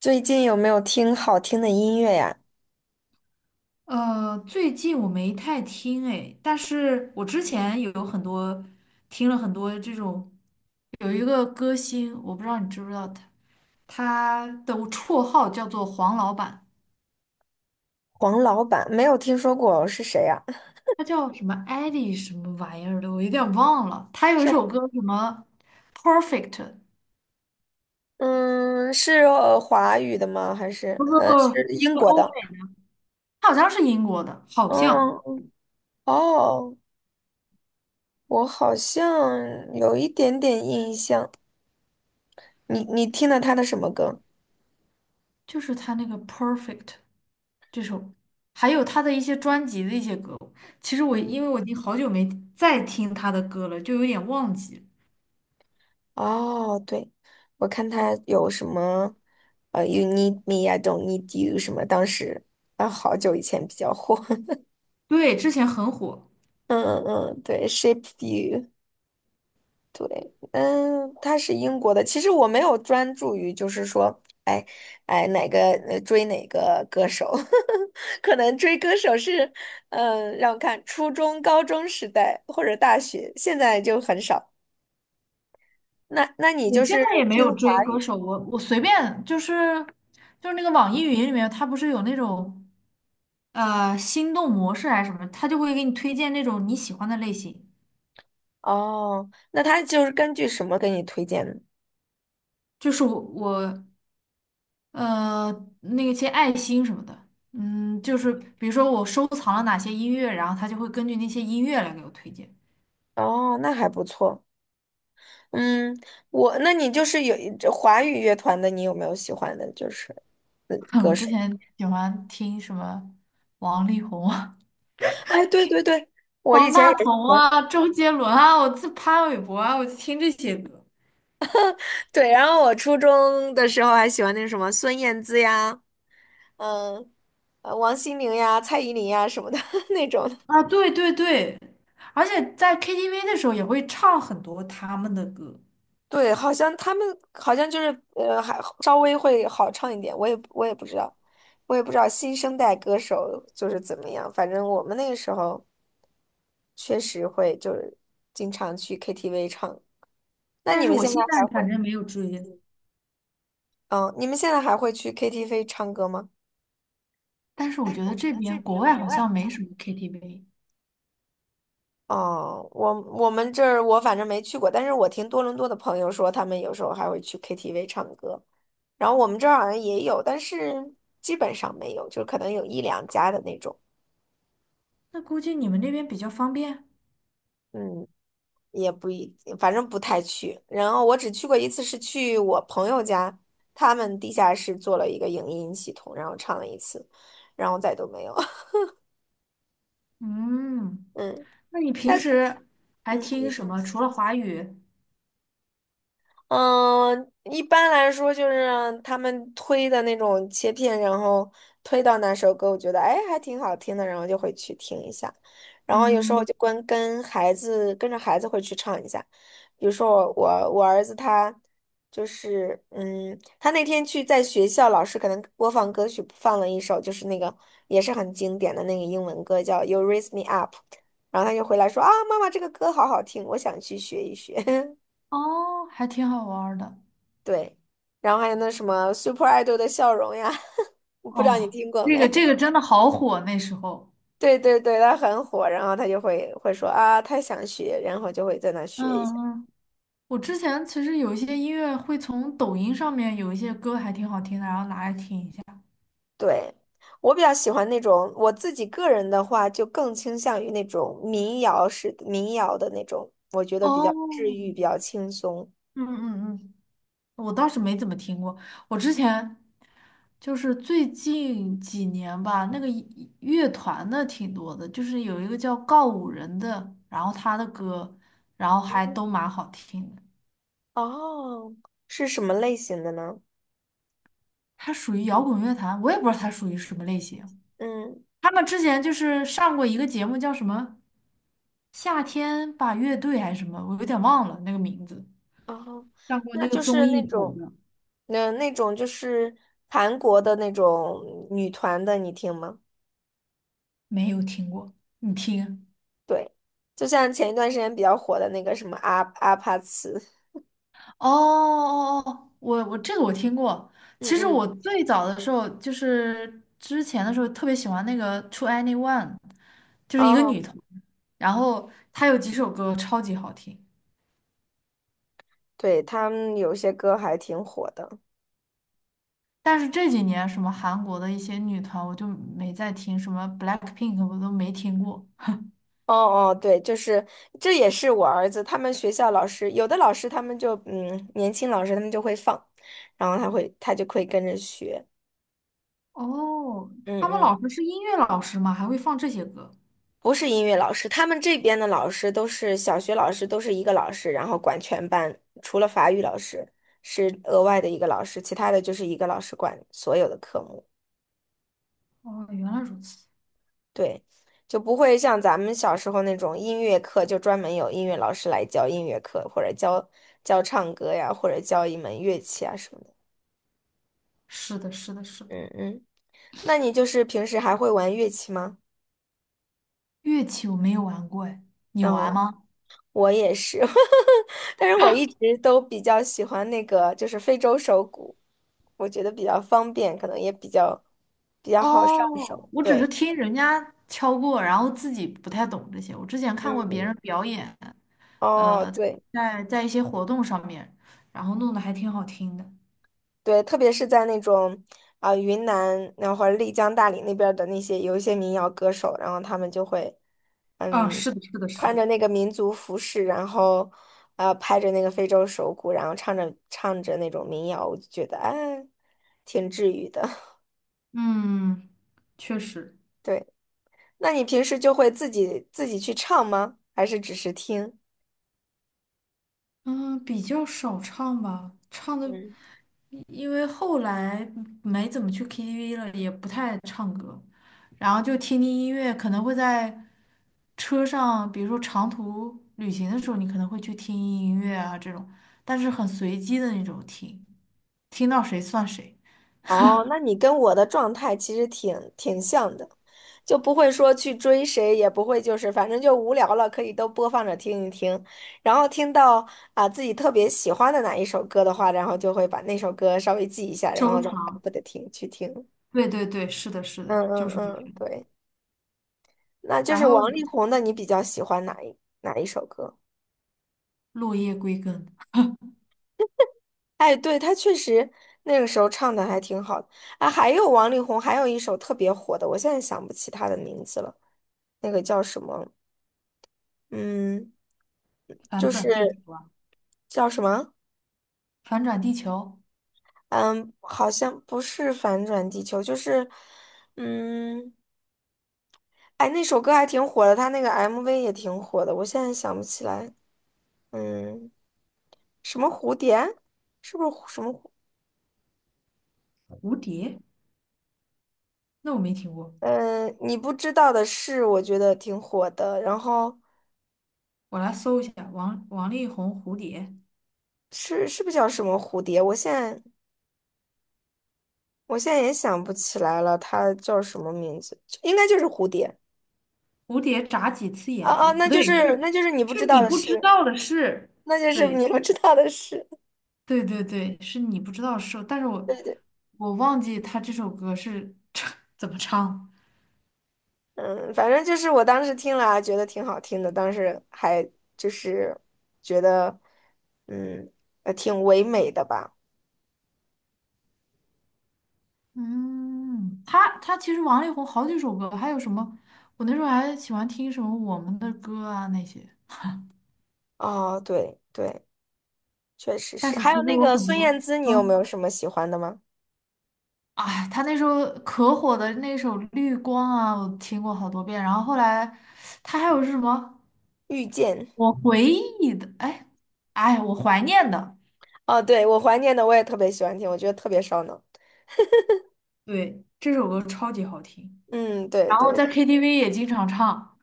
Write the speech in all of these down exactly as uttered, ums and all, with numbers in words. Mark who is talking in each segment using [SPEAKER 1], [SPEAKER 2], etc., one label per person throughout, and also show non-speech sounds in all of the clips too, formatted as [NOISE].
[SPEAKER 1] 最近有没有听好听的音乐呀？
[SPEAKER 2] 呃，最近我没太听哎，但是我之前有很多听了很多这种，有一个歌星，我不知道你知不知道他，他的绰号叫做黄老板，
[SPEAKER 1] 黄老板没有听说过是谁呀？
[SPEAKER 2] 他叫什么艾丽什么玩意儿的，我有点忘了。他有一
[SPEAKER 1] 是
[SPEAKER 2] 首歌什么 Perfect，
[SPEAKER 1] 嗯，是呃华语的吗？还是
[SPEAKER 2] 不不不，
[SPEAKER 1] 呃是
[SPEAKER 2] 是那
[SPEAKER 1] 英
[SPEAKER 2] 个
[SPEAKER 1] 国
[SPEAKER 2] 欧美
[SPEAKER 1] 的？
[SPEAKER 2] 的，他好像是英国的，好像
[SPEAKER 1] 嗯，哦，我好像有一点点印象。你你听了他的什么歌？
[SPEAKER 2] 就是他那个 Perfect。这首，还有他的一些专辑的一些歌。其实我因
[SPEAKER 1] 嗯，
[SPEAKER 2] 为我已经好久没再听他的歌了，就有点忘记。
[SPEAKER 1] 哦，对，我看他有什么呃，You need me, I don't need you 什么，当时啊好久以前比较火。[LAUGHS]
[SPEAKER 2] 对，之前很火，
[SPEAKER 1] 嗯嗯嗯，对，Shape You。对，嗯，他是英国的。其实我没有专注于，就是说，哎，哎，哪个呃追哪个歌手，[LAUGHS] 可能追歌手是，嗯，让我看，初中、高中时代或者大学，现在就很少。那那你
[SPEAKER 2] 我
[SPEAKER 1] 就
[SPEAKER 2] 现
[SPEAKER 1] 是
[SPEAKER 2] 在也没有
[SPEAKER 1] 听
[SPEAKER 2] 追
[SPEAKER 1] 华
[SPEAKER 2] 歌
[SPEAKER 1] 语。
[SPEAKER 2] 手，我我随便就是就是那个网易云里面，它不是有那种呃心动模式还是什么，它就会给你推荐那种你喜欢的类型。
[SPEAKER 1] 哦？那他就是根据什么给你推荐的？
[SPEAKER 2] 就是我我呃那些爱心什么的，嗯，就是比如说我收藏了哪些音乐，然后它就会根据那些音乐来给我推荐。
[SPEAKER 1] 哦，那还不错。嗯，我那你就是有这华语乐团的，你有没有喜欢的？就是嗯，
[SPEAKER 2] [LAUGHS] 我
[SPEAKER 1] 歌
[SPEAKER 2] 之
[SPEAKER 1] 手。
[SPEAKER 2] 前喜欢听什么王力宏啊、
[SPEAKER 1] 哎，对对对，
[SPEAKER 2] [LAUGHS]
[SPEAKER 1] 我以
[SPEAKER 2] 方
[SPEAKER 1] 前
[SPEAKER 2] 大
[SPEAKER 1] 也。
[SPEAKER 2] 同啊、周杰伦啊，我自潘玮柏啊，我就听这些歌
[SPEAKER 1] 对，然后我初中的时候还喜欢那个什么孙燕姿呀，嗯，呃，王心凌呀、蔡依林呀什么的 [LAUGHS] 那种的。
[SPEAKER 2] 啊。对对对，而且在 K T V 的时候也会唱很多他们的歌，
[SPEAKER 1] 对，好像他们好像就是呃，还稍微会好唱一点。我也我也不知道，我也不知道新生代歌手就是怎么样。反正我们那个时候确实会就是经常去 K T V 唱。那
[SPEAKER 2] 但
[SPEAKER 1] 你
[SPEAKER 2] 是
[SPEAKER 1] 们
[SPEAKER 2] 我
[SPEAKER 1] 现在
[SPEAKER 2] 现在
[SPEAKER 1] 还会？
[SPEAKER 2] 反正没有追。
[SPEAKER 1] 嗯，你们现在还会去 K T V 唱歌吗？
[SPEAKER 2] 但是我
[SPEAKER 1] 但
[SPEAKER 2] 觉
[SPEAKER 1] 是
[SPEAKER 2] 得
[SPEAKER 1] 我觉
[SPEAKER 2] 这
[SPEAKER 1] 得这
[SPEAKER 2] 边国
[SPEAKER 1] 边
[SPEAKER 2] 外
[SPEAKER 1] 国
[SPEAKER 2] 好
[SPEAKER 1] 外
[SPEAKER 2] 像
[SPEAKER 1] 好
[SPEAKER 2] 没
[SPEAKER 1] 像。
[SPEAKER 2] 什么 K T V，
[SPEAKER 1] 哦，我我们这儿我反正没去过，但是我听多伦多的朋友说，他们有时候还会去 K T V 唱歌，然后我们这儿好像也有，但是基本上没有，就可能有一两家的那种，
[SPEAKER 2] 那估计你们那边比较方便。
[SPEAKER 1] 嗯，也不一，反正不太去。然后我只去过一次，是去我朋友家，他们地下室做了一个影音系统，然后唱了一次，然后再都没有。[LAUGHS]
[SPEAKER 2] 嗯，
[SPEAKER 1] 嗯，
[SPEAKER 2] 那你平
[SPEAKER 1] 在
[SPEAKER 2] 时还
[SPEAKER 1] 嗯，你
[SPEAKER 2] 听什
[SPEAKER 1] 说。
[SPEAKER 2] 么？除了华语，
[SPEAKER 1] 嗯，一般来说就是他们推的那种切片，然后推到哪首歌，我觉得哎还挺好听的，然后就会去听一下。然后有时候我
[SPEAKER 2] 嗯，
[SPEAKER 1] 就跟跟孩子跟着孩子会去唱一下。比如说我我我儿子他就是嗯，他那天去在学校，老师可能播放歌曲放了一首，就是那个也是很经典的那个英文歌叫《You Raise Me Up》，然后他就回来说啊，妈妈这个歌好好听，我想去学一学。[LAUGHS]
[SPEAKER 2] 哦，还挺好玩儿的。
[SPEAKER 1] 对，然后还有那什么 Super Idol 的笑容呀，[LAUGHS] 我不知道你
[SPEAKER 2] 哦，
[SPEAKER 1] 听过
[SPEAKER 2] 这个
[SPEAKER 1] 没？
[SPEAKER 2] 这
[SPEAKER 1] [LAUGHS]
[SPEAKER 2] 个真的好火，那时候。
[SPEAKER 1] 对对对，他很火，然后他就会会说啊，他想学，然后就会在那学一下。
[SPEAKER 2] 嗯嗯，我之前其实有一些音乐会从抖音上面有一些歌还挺好听的，然后拿来听一下。
[SPEAKER 1] 对，我比较喜欢那种，我自己个人的话，就更倾向于那种民谣式的民谣的那种，我觉得比较治
[SPEAKER 2] 哦，
[SPEAKER 1] 愈，比较轻松。
[SPEAKER 2] 嗯嗯嗯，我倒是没怎么听过。我之前就是最近几年吧，那个一乐团的挺多的，就是有一个叫告五人的，然后他的歌，然后还
[SPEAKER 1] 嗯，
[SPEAKER 2] 都蛮好听的。
[SPEAKER 1] 哦，是什么类型的呢？
[SPEAKER 2] 他属于摇滚乐坛，我也不知道他属于什么类型。
[SPEAKER 1] 嗯。
[SPEAKER 2] 他们之前就是上过一个节目，叫什么《夏天吧乐队》还是什么，我有点忘了那个名字。
[SPEAKER 1] 哦，
[SPEAKER 2] 上过
[SPEAKER 1] 那
[SPEAKER 2] 那个
[SPEAKER 1] 就
[SPEAKER 2] 综
[SPEAKER 1] 是那
[SPEAKER 2] 艺火
[SPEAKER 1] 种，
[SPEAKER 2] 的，
[SPEAKER 1] 那那种就是韩国的那种女团的，你听吗？
[SPEAKER 2] 没有听过。你听？
[SPEAKER 1] 对，就像前一段时间比较火的那个什么阿阿帕茨，
[SPEAKER 2] 哦哦哦，我我这个我听过。
[SPEAKER 1] 嗯
[SPEAKER 2] 其实
[SPEAKER 1] 嗯，
[SPEAKER 2] 我最早的时候，就是之前的时候，特别喜欢那个 To Anyone，就是一个女
[SPEAKER 1] 哦，
[SPEAKER 2] 团，然后她有几首歌超级好听。
[SPEAKER 1] 对，他们有些歌还挺火的。
[SPEAKER 2] 但是这几年什么韩国的一些女团，我就没再听，什么 BLACKPINK 我都没听过。
[SPEAKER 1] 哦哦，对，就是这也是我儿子，他们学校老师有的老师他们就嗯，年轻老师他们就会放，然后他会他就会跟着学，
[SPEAKER 2] 哦，
[SPEAKER 1] 嗯
[SPEAKER 2] 他们
[SPEAKER 1] 嗯。
[SPEAKER 2] 老师是音乐老师吗？还会放这些歌？
[SPEAKER 1] 不是音乐老师，他们这边的老师都是小学老师，都是一个老师，然后管全班，除了法语老师是额外的一个老师，其他的就是一个老师管所有的科目。
[SPEAKER 2] 哦，原来如此。
[SPEAKER 1] 对，就不会像咱们小时候那种音乐课，就专门有音乐老师来教音乐课，或者教教唱歌呀，或者教一门乐器啊什么的。
[SPEAKER 2] 是的，是的，是的。
[SPEAKER 1] 嗯嗯，那你就是平时还会玩乐器吗？
[SPEAKER 2] 乐器我没有玩过，哎，你玩
[SPEAKER 1] 哦。
[SPEAKER 2] 吗？
[SPEAKER 1] 我也是，[LAUGHS] 但是我一直都比较喜欢那个，就是非洲手鼓，我觉得比较方便，可能也比较比较好上手。
[SPEAKER 2] 哦，我只
[SPEAKER 1] 对，
[SPEAKER 2] 是听人家敲过，然后自己不太懂这些。我之前看
[SPEAKER 1] 嗯
[SPEAKER 2] 过别
[SPEAKER 1] 嗯，
[SPEAKER 2] 人表演，
[SPEAKER 1] 哦，
[SPEAKER 2] 呃，在
[SPEAKER 1] 对
[SPEAKER 2] 在在一些活动上面，然后弄得还挺好听的。
[SPEAKER 1] 对，特别是在那种啊、云南，然后或者丽江、大理那边儿的那些有一些民谣歌手，然后他们就会
[SPEAKER 2] 啊，
[SPEAKER 1] 嗯
[SPEAKER 2] 是的，是的，是
[SPEAKER 1] 穿着
[SPEAKER 2] 的。
[SPEAKER 1] 那个民族服饰，然后啊拍着那个非洲手鼓，然后唱着唱着那种民谣，我就觉得哎挺治愈的。[LAUGHS]
[SPEAKER 2] 嗯，确实。
[SPEAKER 1] 对。那你平时就会自己自己去唱吗？还是只是听？
[SPEAKER 2] 嗯，比较少唱吧，唱的。
[SPEAKER 1] 嗯，
[SPEAKER 2] 因为后来没怎么去 K T V 了，也不太唱歌，然后就听听音乐，可能会在车上，比如说长途旅行的时候，你可能会去听音乐啊这种，但是很随机的那种听，听到谁算谁，
[SPEAKER 1] 哦，那你跟我的状态其实挺挺像的，就不会说去追谁，也不会就是反正就无聊了，可以都播放着听一听，然后听到啊自己特别喜欢的哪一首歌的话，然后就会把那首歌稍微记一下，然
[SPEAKER 2] 收
[SPEAKER 1] 后再反
[SPEAKER 2] 藏。
[SPEAKER 1] 复的听去听。
[SPEAKER 2] 对对对，是的，是
[SPEAKER 1] 嗯
[SPEAKER 2] 的，就
[SPEAKER 1] 嗯
[SPEAKER 2] 是会
[SPEAKER 1] 嗯，
[SPEAKER 2] 这样
[SPEAKER 1] 对，那就
[SPEAKER 2] 然
[SPEAKER 1] 是
[SPEAKER 2] 后
[SPEAKER 1] 王力宏的，你比较喜欢哪一哪一首歌？
[SPEAKER 2] 落叶归根，
[SPEAKER 1] 哎，对，他确实那个时候唱的还挺好的啊。还有王力宏，还有一首特别火的，我现在想不起他的名字了，那个叫什么？嗯，
[SPEAKER 2] 反
[SPEAKER 1] 就是
[SPEAKER 2] 转地球啊，
[SPEAKER 1] 叫什么？
[SPEAKER 2] 反转地球，
[SPEAKER 1] 嗯，好像不是《反转地球》，就是嗯，哎，那首歌还挺火的，他那个 M V 也挺火的，我现在想不起来。嗯，什么蝴蝶？是不是蝴什么。
[SPEAKER 2] 蝴蝶，那我没听过，
[SPEAKER 1] 嗯，呃你不知道的事，我觉得挺火的。然后。
[SPEAKER 2] 我来搜一下王王力宏蝴蝶。
[SPEAKER 1] 是是不是叫什么蝴蝶？我现在我现在也想不起来了，它叫什么名字？应该就是蝴蝶。
[SPEAKER 2] 蝴蝶眨几次
[SPEAKER 1] 啊
[SPEAKER 2] 眼
[SPEAKER 1] 啊，
[SPEAKER 2] 睛？
[SPEAKER 1] 那
[SPEAKER 2] 不
[SPEAKER 1] 就
[SPEAKER 2] 对，
[SPEAKER 1] 是那
[SPEAKER 2] 是
[SPEAKER 1] 就是你不
[SPEAKER 2] 是
[SPEAKER 1] 知道
[SPEAKER 2] 你
[SPEAKER 1] 的
[SPEAKER 2] 不知
[SPEAKER 1] 事，
[SPEAKER 2] 道的事。
[SPEAKER 1] 那就是
[SPEAKER 2] 对
[SPEAKER 1] 你不知道的事。
[SPEAKER 2] 对对对，是你不知道的事，但是我
[SPEAKER 1] 对对，
[SPEAKER 2] 我忘记他这首歌是 [LAUGHS] 怎么唱。
[SPEAKER 1] 嗯，反正就是我当时听了啊，觉得挺好听的，当时还就是觉得嗯，呃挺唯美的吧。
[SPEAKER 2] 嗯，他他其实王力宏好几首歌，还有什么？我那时候还喜欢听什么我们的歌啊那些。
[SPEAKER 1] 哦，对对，确实
[SPEAKER 2] 但
[SPEAKER 1] 是。
[SPEAKER 2] 是
[SPEAKER 1] 还
[SPEAKER 2] 其
[SPEAKER 1] 有
[SPEAKER 2] 实
[SPEAKER 1] 那
[SPEAKER 2] 我
[SPEAKER 1] 个
[SPEAKER 2] 很
[SPEAKER 1] 孙
[SPEAKER 2] 多，
[SPEAKER 1] 燕姿，你有没有
[SPEAKER 2] 嗯，
[SPEAKER 1] 什么喜欢的吗？
[SPEAKER 2] 哎，他那时候可火的那首《绿光》啊，我听过好多遍。然后后来他还有是什么？
[SPEAKER 1] 遇见。
[SPEAKER 2] 我回忆的，哎，哎，我怀念的，
[SPEAKER 1] 哦，对，我怀念的我也特别喜欢听，我觉得特别烧脑。
[SPEAKER 2] 对，这首歌超级好听。
[SPEAKER 1] 嗯，对
[SPEAKER 2] 然后
[SPEAKER 1] 对，
[SPEAKER 2] 在 K T V 也经常唱。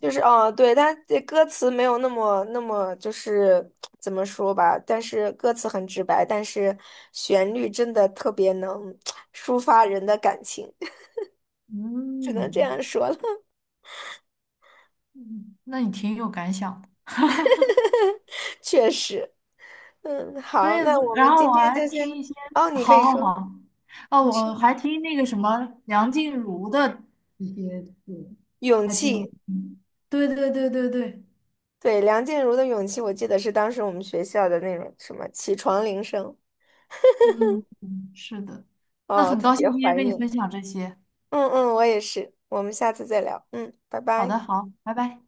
[SPEAKER 1] 就是哦，对，它这歌词没有那么那么，就是怎么说吧？但是歌词很直白，但是旋律真的特别能抒发人的感情，[LAUGHS] 只能这
[SPEAKER 2] 嗯，
[SPEAKER 1] 样说了。
[SPEAKER 2] 嗯那你挺有感想的。
[SPEAKER 1] [LAUGHS] 确实，嗯，
[SPEAKER 2] 对，
[SPEAKER 1] 好，那我
[SPEAKER 2] 然
[SPEAKER 1] 们
[SPEAKER 2] 后
[SPEAKER 1] 今
[SPEAKER 2] 我
[SPEAKER 1] 天
[SPEAKER 2] 还
[SPEAKER 1] 就先，
[SPEAKER 2] 听一些，
[SPEAKER 1] 哦，你可
[SPEAKER 2] 好
[SPEAKER 1] 以
[SPEAKER 2] 好
[SPEAKER 1] 说，
[SPEAKER 2] 好，哦，
[SPEAKER 1] 没
[SPEAKER 2] 我
[SPEAKER 1] 事。
[SPEAKER 2] 还听那个什么梁静茹的一些歌，
[SPEAKER 1] 勇
[SPEAKER 2] 还挺好
[SPEAKER 1] 气，
[SPEAKER 2] 听。对对对对对，
[SPEAKER 1] 对，梁静茹的《勇气》，我记得是当时我们学校的那种什么起床铃声，
[SPEAKER 2] 嗯嗯是的，那
[SPEAKER 1] 哦，
[SPEAKER 2] 很
[SPEAKER 1] 特
[SPEAKER 2] 高
[SPEAKER 1] 别
[SPEAKER 2] 兴今天
[SPEAKER 1] 怀
[SPEAKER 2] 跟你
[SPEAKER 1] 念。
[SPEAKER 2] 分享这些。
[SPEAKER 1] 嗯嗯，我也是，我们下次再聊，嗯，拜
[SPEAKER 2] 好
[SPEAKER 1] 拜。
[SPEAKER 2] 的，好，拜拜。